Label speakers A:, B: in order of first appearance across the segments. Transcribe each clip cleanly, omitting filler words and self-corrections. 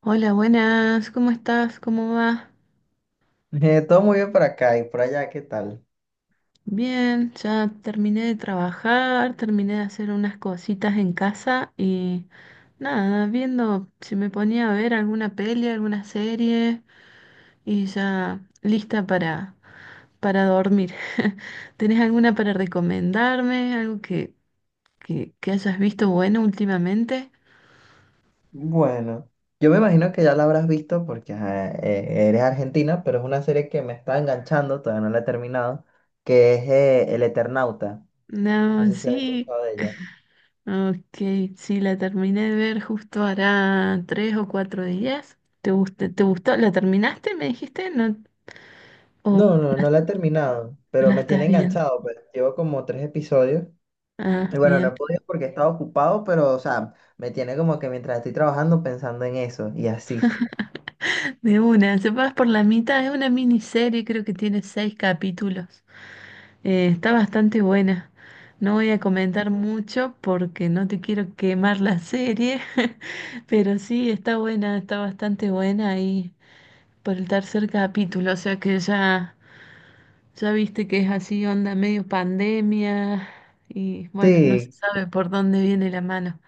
A: Hola, buenas, ¿cómo estás? ¿Cómo vas?
B: Todo muy bien por acá y por allá, ¿qué tal?
A: Bien, ya terminé de trabajar, terminé de hacer unas cositas en casa y nada, viendo si me ponía a ver alguna peli, alguna serie y ya lista para dormir. ¿Tenés alguna para recomendarme? ¿Algo que hayas visto bueno últimamente?
B: Bueno, yo me imagino que ya la habrás visto porque ajá, eres argentina, pero es una serie que me está enganchando, todavía no la he terminado, que es El Eternauta. No
A: No,
B: sé si has
A: sí.
B: escuchado de ella.
A: Ok, sí, la terminé de ver justo hará tres o cuatro días. ¿Te gustó? ¿Te gustó? ¿La terminaste, me dijiste? ¿No? ¿O
B: No, no la he terminado, pero
A: la
B: me
A: estás
B: tiene
A: viendo?
B: enganchado, pues llevo como tres episodios.
A: Ah,
B: Y bueno, no
A: bien.
B: he podido porque he estado ocupado, pero o sea, me tiene como que mientras estoy trabajando pensando en eso y así.
A: De una, se pasa por la mitad, es una miniserie, creo que tiene seis capítulos. Está bastante buena. No voy a comentar mucho porque no te quiero quemar la serie, pero sí, está buena, está bastante buena ahí por el tercer capítulo, o sea que ya... Ya viste que es así, onda medio pandemia y bueno, no se
B: Sí,
A: sabe por dónde viene la mano.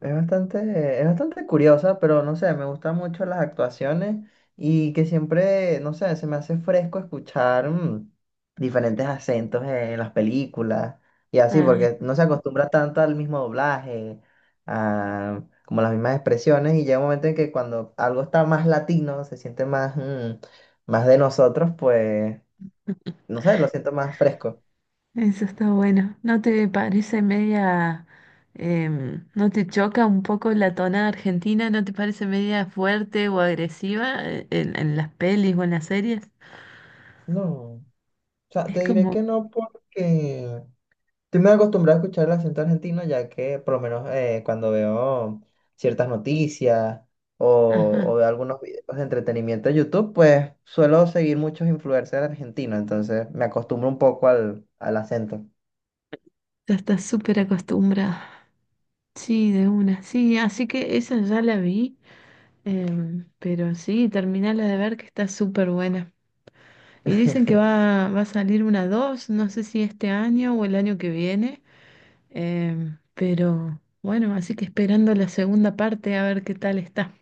B: es bastante, es bastante curiosa, pero no sé, me gustan mucho las actuaciones y que siempre, no sé, se me hace fresco escuchar diferentes acentos en las películas y así,
A: Ah,
B: porque no se acostumbra tanto al mismo doblaje, a como las mismas expresiones y llega un momento en que cuando algo está más latino, se siente más, más de nosotros, pues, no sé, lo siento más fresco.
A: eso está bueno. ¿No te parece media, no te choca un poco la tonada argentina? ¿No te parece media fuerte o agresiva en las pelis o en las series?
B: No, o sea,
A: Es
B: te diré
A: como,
B: que no porque... Estoy muy acostumbrado a escuchar el acento argentino, ya que por lo menos cuando veo ciertas noticias o
A: ajá,
B: veo algunos videos de entretenimiento de YouTube, pues suelo seguir muchos influencers argentinos, entonces me acostumbro un poco al acento.
A: ya estás súper acostumbrada. Sí, de una, sí, así que esa ya la vi, pero sí, terminala de ver que está súper buena. Y dicen que va a salir una dos, no sé si este año o el año que viene, pero bueno, así que esperando la segunda parte a ver qué tal está.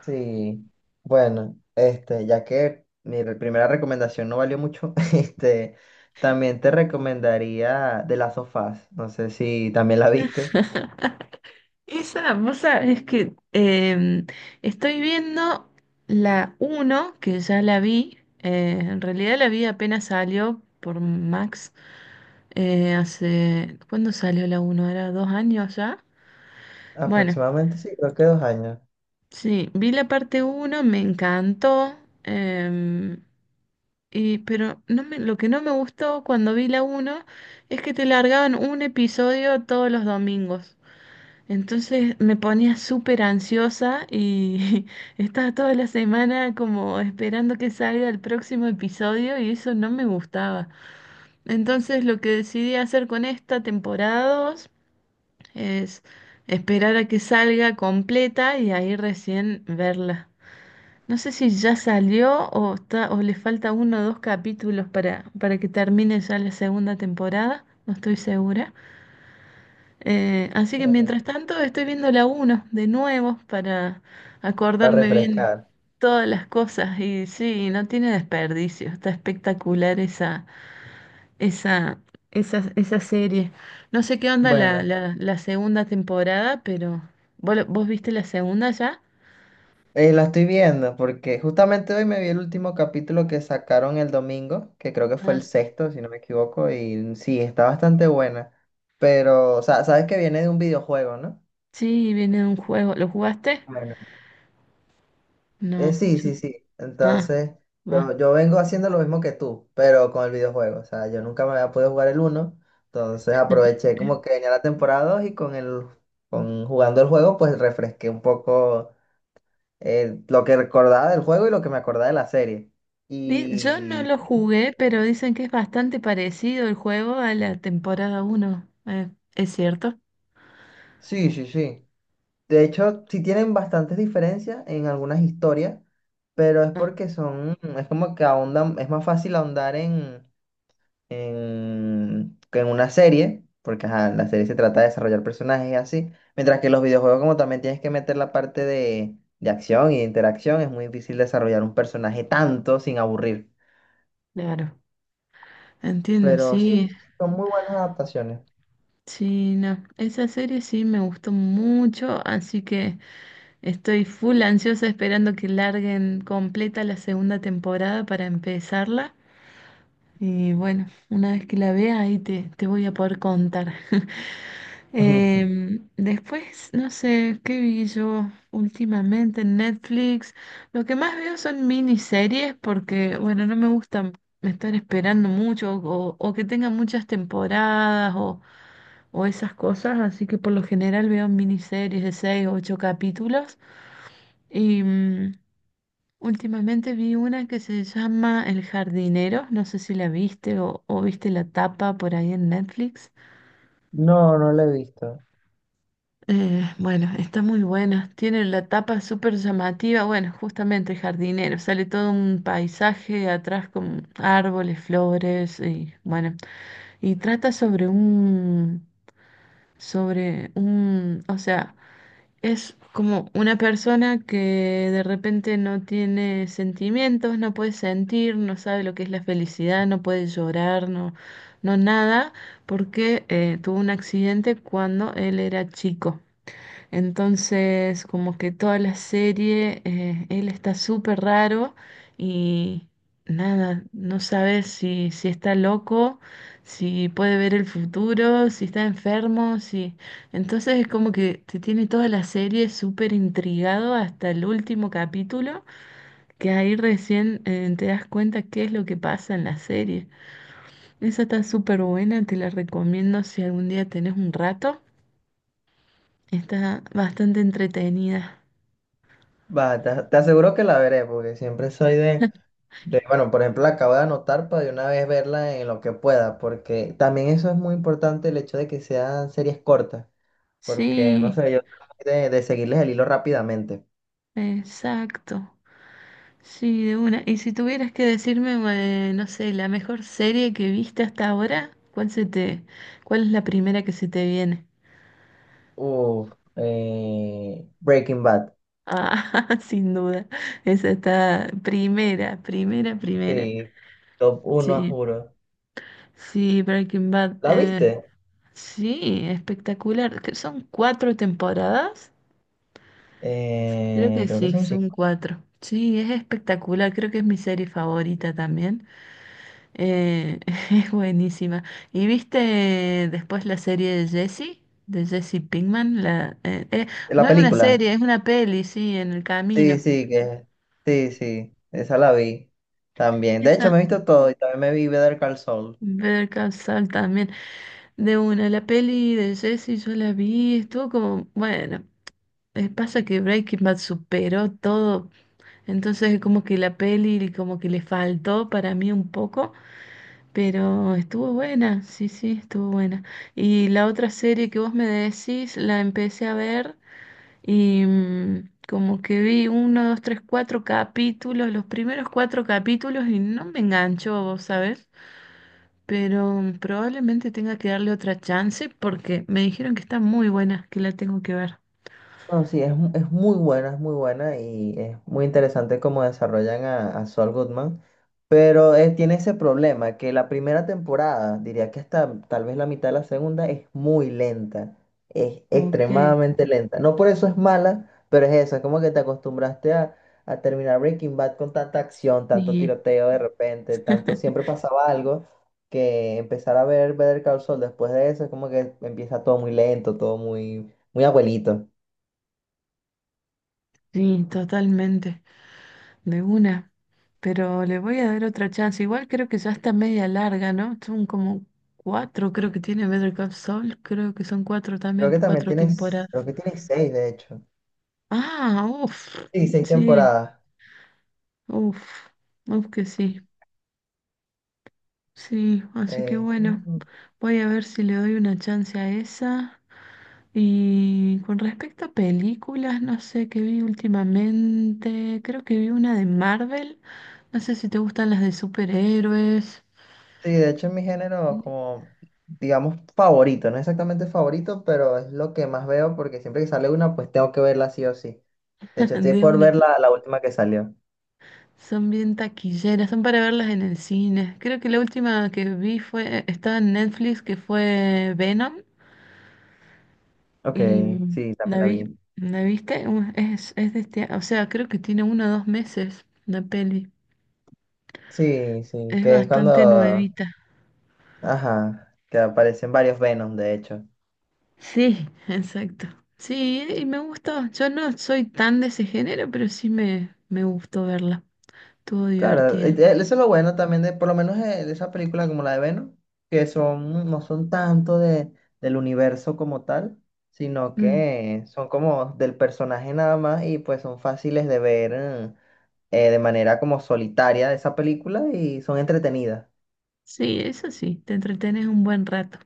B: Sí, bueno, este, ya que mi primera recomendación no valió mucho, este, también te recomendaría The Last of Us, no sé si también la viste.
A: Esa, vos sabés que estoy viendo la uno, que ya la vi, en realidad la vi apenas salió por Max, hace, ¿cuándo salió la uno? ¿Era dos años ya? Bueno,
B: Aproximadamente sí, creo que dos años,
A: sí, vi la parte uno, me encantó. em, pero no me, lo que no me gustó cuando vi la uno es que te largaban un episodio todos los domingos. Entonces me ponía súper ansiosa y estaba toda la semana como esperando que salga el próximo episodio y eso no me gustaba. Entonces lo que decidí hacer con esta temporada 2 es esperar a que salga completa y ahí recién verla. No sé si ya salió o está, o le falta uno o dos capítulos para que termine ya la segunda temporada, no estoy segura. Así que
B: eh,
A: mientras tanto estoy viendo la uno de nuevo para
B: para
A: acordarme bien
B: refrescar.
A: todas las cosas. Y sí, no tiene desperdicio, está espectacular esa, esa serie. No sé qué onda
B: Bueno,
A: la segunda temporada, pero ¿vos, vos viste la segunda ya?
B: la estoy viendo porque justamente hoy me vi el último capítulo que sacaron el domingo, que creo que fue el
A: Ah,
B: sexto, si no me equivoco, y sí, está bastante buena. Pero, o sea, sabes que viene de un videojuego, ¿no?
A: sí, viene un juego, ¿lo jugaste?
B: Bueno,
A: No,
B: sí,
A: yo,
B: sí, sí.
A: ah,
B: Entonces,
A: va.
B: yo vengo haciendo lo mismo que tú, pero con el videojuego. O sea, yo nunca me había podido jugar el uno, entonces aproveché como que venía la temporada 2 y con con jugando el juego, pues refresqué un poco lo que recordaba del juego y lo que me acordaba de la serie.
A: Yo no lo
B: Y
A: jugué, pero dicen que es bastante parecido el juego a la temporada uno. ¿Es cierto?
B: sí, sí, sí. De hecho, sí tienen bastantes diferencias en algunas historias, pero es
A: Ah,
B: porque son, es como que ahondan, es más fácil ahondar que en una serie, porque ajá, la serie se trata de desarrollar personajes y así, mientras que los videojuegos como también tienes que meter la parte de acción y de interacción, es muy difícil desarrollar un personaje tanto sin aburrir.
A: claro. Entiendo,
B: Pero
A: sí.
B: sí, son muy buenas adaptaciones.
A: Sí, no. Esa serie sí me gustó mucho, así que estoy full ansiosa esperando que larguen completa la segunda temporada para empezarla. Y bueno, una vez que la vea ahí te voy a poder contar. Después, no sé, ¿qué vi yo últimamente en Netflix? Lo que más veo son miniseries porque, bueno, no me gustan estar esperando mucho o que tengan muchas temporadas o esas cosas, así que por lo general veo miniseries de seis o ocho capítulos. Y últimamente vi una que se llama El jardinero, no sé si la viste o viste la tapa por ahí en Netflix.
B: No, no la he visto.
A: Bueno, está muy buena. Tiene la tapa súper llamativa. Bueno, justamente jardinero. Sale todo un paisaje atrás con árboles, flores y bueno. Y trata sobre o sea, es como una persona que de repente no tiene sentimientos, no puede sentir, no sabe lo que es la felicidad, no puede llorar, no nada, porque tuvo un accidente cuando él era chico. Entonces, como que toda la serie, él está súper raro y nada, no sabes si, si está loco, si puede ver el futuro, si está enfermo, si... Entonces es como que te tiene toda la serie súper intrigado hasta el último capítulo, que ahí recién te das cuenta qué es lo que pasa en la serie. Esa está súper buena, te la recomiendo si algún día tenés un rato. Está bastante entretenida.
B: Va, te aseguro que la veré, porque siempre soy de bueno, por ejemplo, la acabo de anotar para de una vez verla en lo que pueda, porque también eso es muy importante el hecho de que sean series cortas, porque no
A: Sí,
B: sé, yo soy de seguirles el hilo rápidamente.
A: exacto. Sí, de una. Y si tuvieras que decirme, no sé, la mejor serie que viste hasta ahora, ¿cuál se te, cuál es la primera que se te viene?
B: Uf, Breaking Bad,
A: Ah, sin duda. Esa está primera, primera, primera.
B: sí, top uno,
A: Sí,
B: juro.
A: sí, Breaking Bad.
B: ¿La viste?
A: Sí, espectacular. Que ¿Son cuatro temporadas? Creo que
B: Creo que
A: sí,
B: son
A: son
B: cinco.
A: cuatro. Sí, es espectacular. Creo que es mi serie favorita también. Eh, es buenísima. ¿Y viste después la serie de Jesse? De Jesse Pinkman.
B: La
A: No es una
B: película.
A: serie, es una peli, sí, en el
B: Sí,
A: camino.
B: sí, que sí, sí, esa la vi también. De hecho,
A: Esa.
B: me he visto todo y también me vi Better Call Saul.
A: Better Call Saul también. De una, la peli de Jesse yo la vi, estuvo como, bueno, pasa que Breaking Bad superó todo, entonces como que la peli como que le faltó para mí un poco, pero estuvo buena, sí, sí, estuvo buena. Y la otra serie que vos me decís, la empecé a ver y como que vi uno, dos, tres, cuatro capítulos, los primeros cuatro capítulos y no me enganchó, vos sabés. Pero probablemente tenga que darle otra chance porque me dijeron que está muy buena, que la tengo que ver.
B: No, sí, es, es muy buena y es muy interesante cómo desarrollan a Saul Goodman, pero tiene ese problema que la primera temporada, diría que hasta tal vez la mitad de la segunda, es muy lenta, es
A: Ok,
B: extremadamente lenta. No por eso es mala, pero es eso, es como que te acostumbraste a terminar Breaking Bad con tanta acción, tanto
A: y
B: tiroteo de repente, tanto siempre pasaba algo, que empezar a ver Better Call Saul después de eso es como que empieza todo muy lento, todo muy, muy abuelito.
A: sí, totalmente. De una. Pero le voy a dar otra chance. Igual creo que ya está media larga, ¿no? Son como cuatro, creo que tiene Better Call Saul. Creo que son cuatro
B: Creo
A: también,
B: que también
A: cuatro
B: tienes,
A: temporadas.
B: creo que tienes seis, de hecho.
A: Ah, uff.
B: Sí, seis
A: Sí,
B: temporadas.
A: uff. Uff que sí. Sí, así que
B: Eh,
A: bueno,
B: mm,
A: voy a ver si le doy una chance a esa. Y con respecto a películas, no sé qué vi últimamente. Creo que vi una de Marvel. No sé si te gustan las de superhéroes.
B: sí, de hecho es mi género como, digamos, favorito. No exactamente favorito, pero es lo que más veo porque siempre que sale una, pues tengo que verla sí o sí. De hecho, estoy
A: De
B: por
A: una.
B: ver la última que salió.
A: Son bien taquilleras, son para verlas en el cine. Creo que la última que vi fue, estaba en Netflix, que fue Venom,
B: Ok,
A: y
B: sí, también
A: la
B: la
A: vi,
B: vi.
A: ¿la viste? Es de este, o sea, creo que tiene uno o dos meses la peli.
B: Sí, sí,
A: Es
B: que es
A: bastante
B: cuando,
A: nuevita.
B: ajá, que aparecen varios Venom de hecho.
A: Sí, exacto. Sí, y me gustó. Yo no soy tan de ese género, pero me gustó verla. Estuvo
B: Claro,
A: divertida.
B: eso es lo bueno también de, por lo menos de esas películas como la de Venom, que son, no son tanto de, del universo como tal, sino
A: Mm,
B: que son como del personaje nada más y pues son fáciles de ver de manera como solitaria de esa película y son entretenidas.
A: Sí, eso sí, te entretenes un buen rato.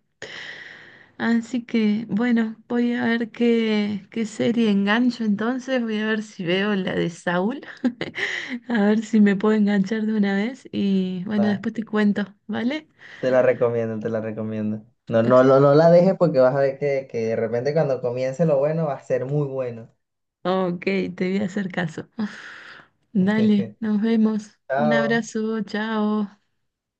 A: Así que, bueno, voy a ver qué serie engancho entonces. Voy a ver si veo la de Saúl. A ver si me puedo enganchar de una vez. Y bueno,
B: Va,
A: después te cuento, ¿vale?
B: te la recomiendo, te la recomiendo. No, no, no la dejes porque vas a ver que de repente cuando comience lo bueno va a ser muy bueno.
A: Ok, te voy a hacer caso. Dale, nos vemos. Un
B: Chao.
A: abrazo, chao.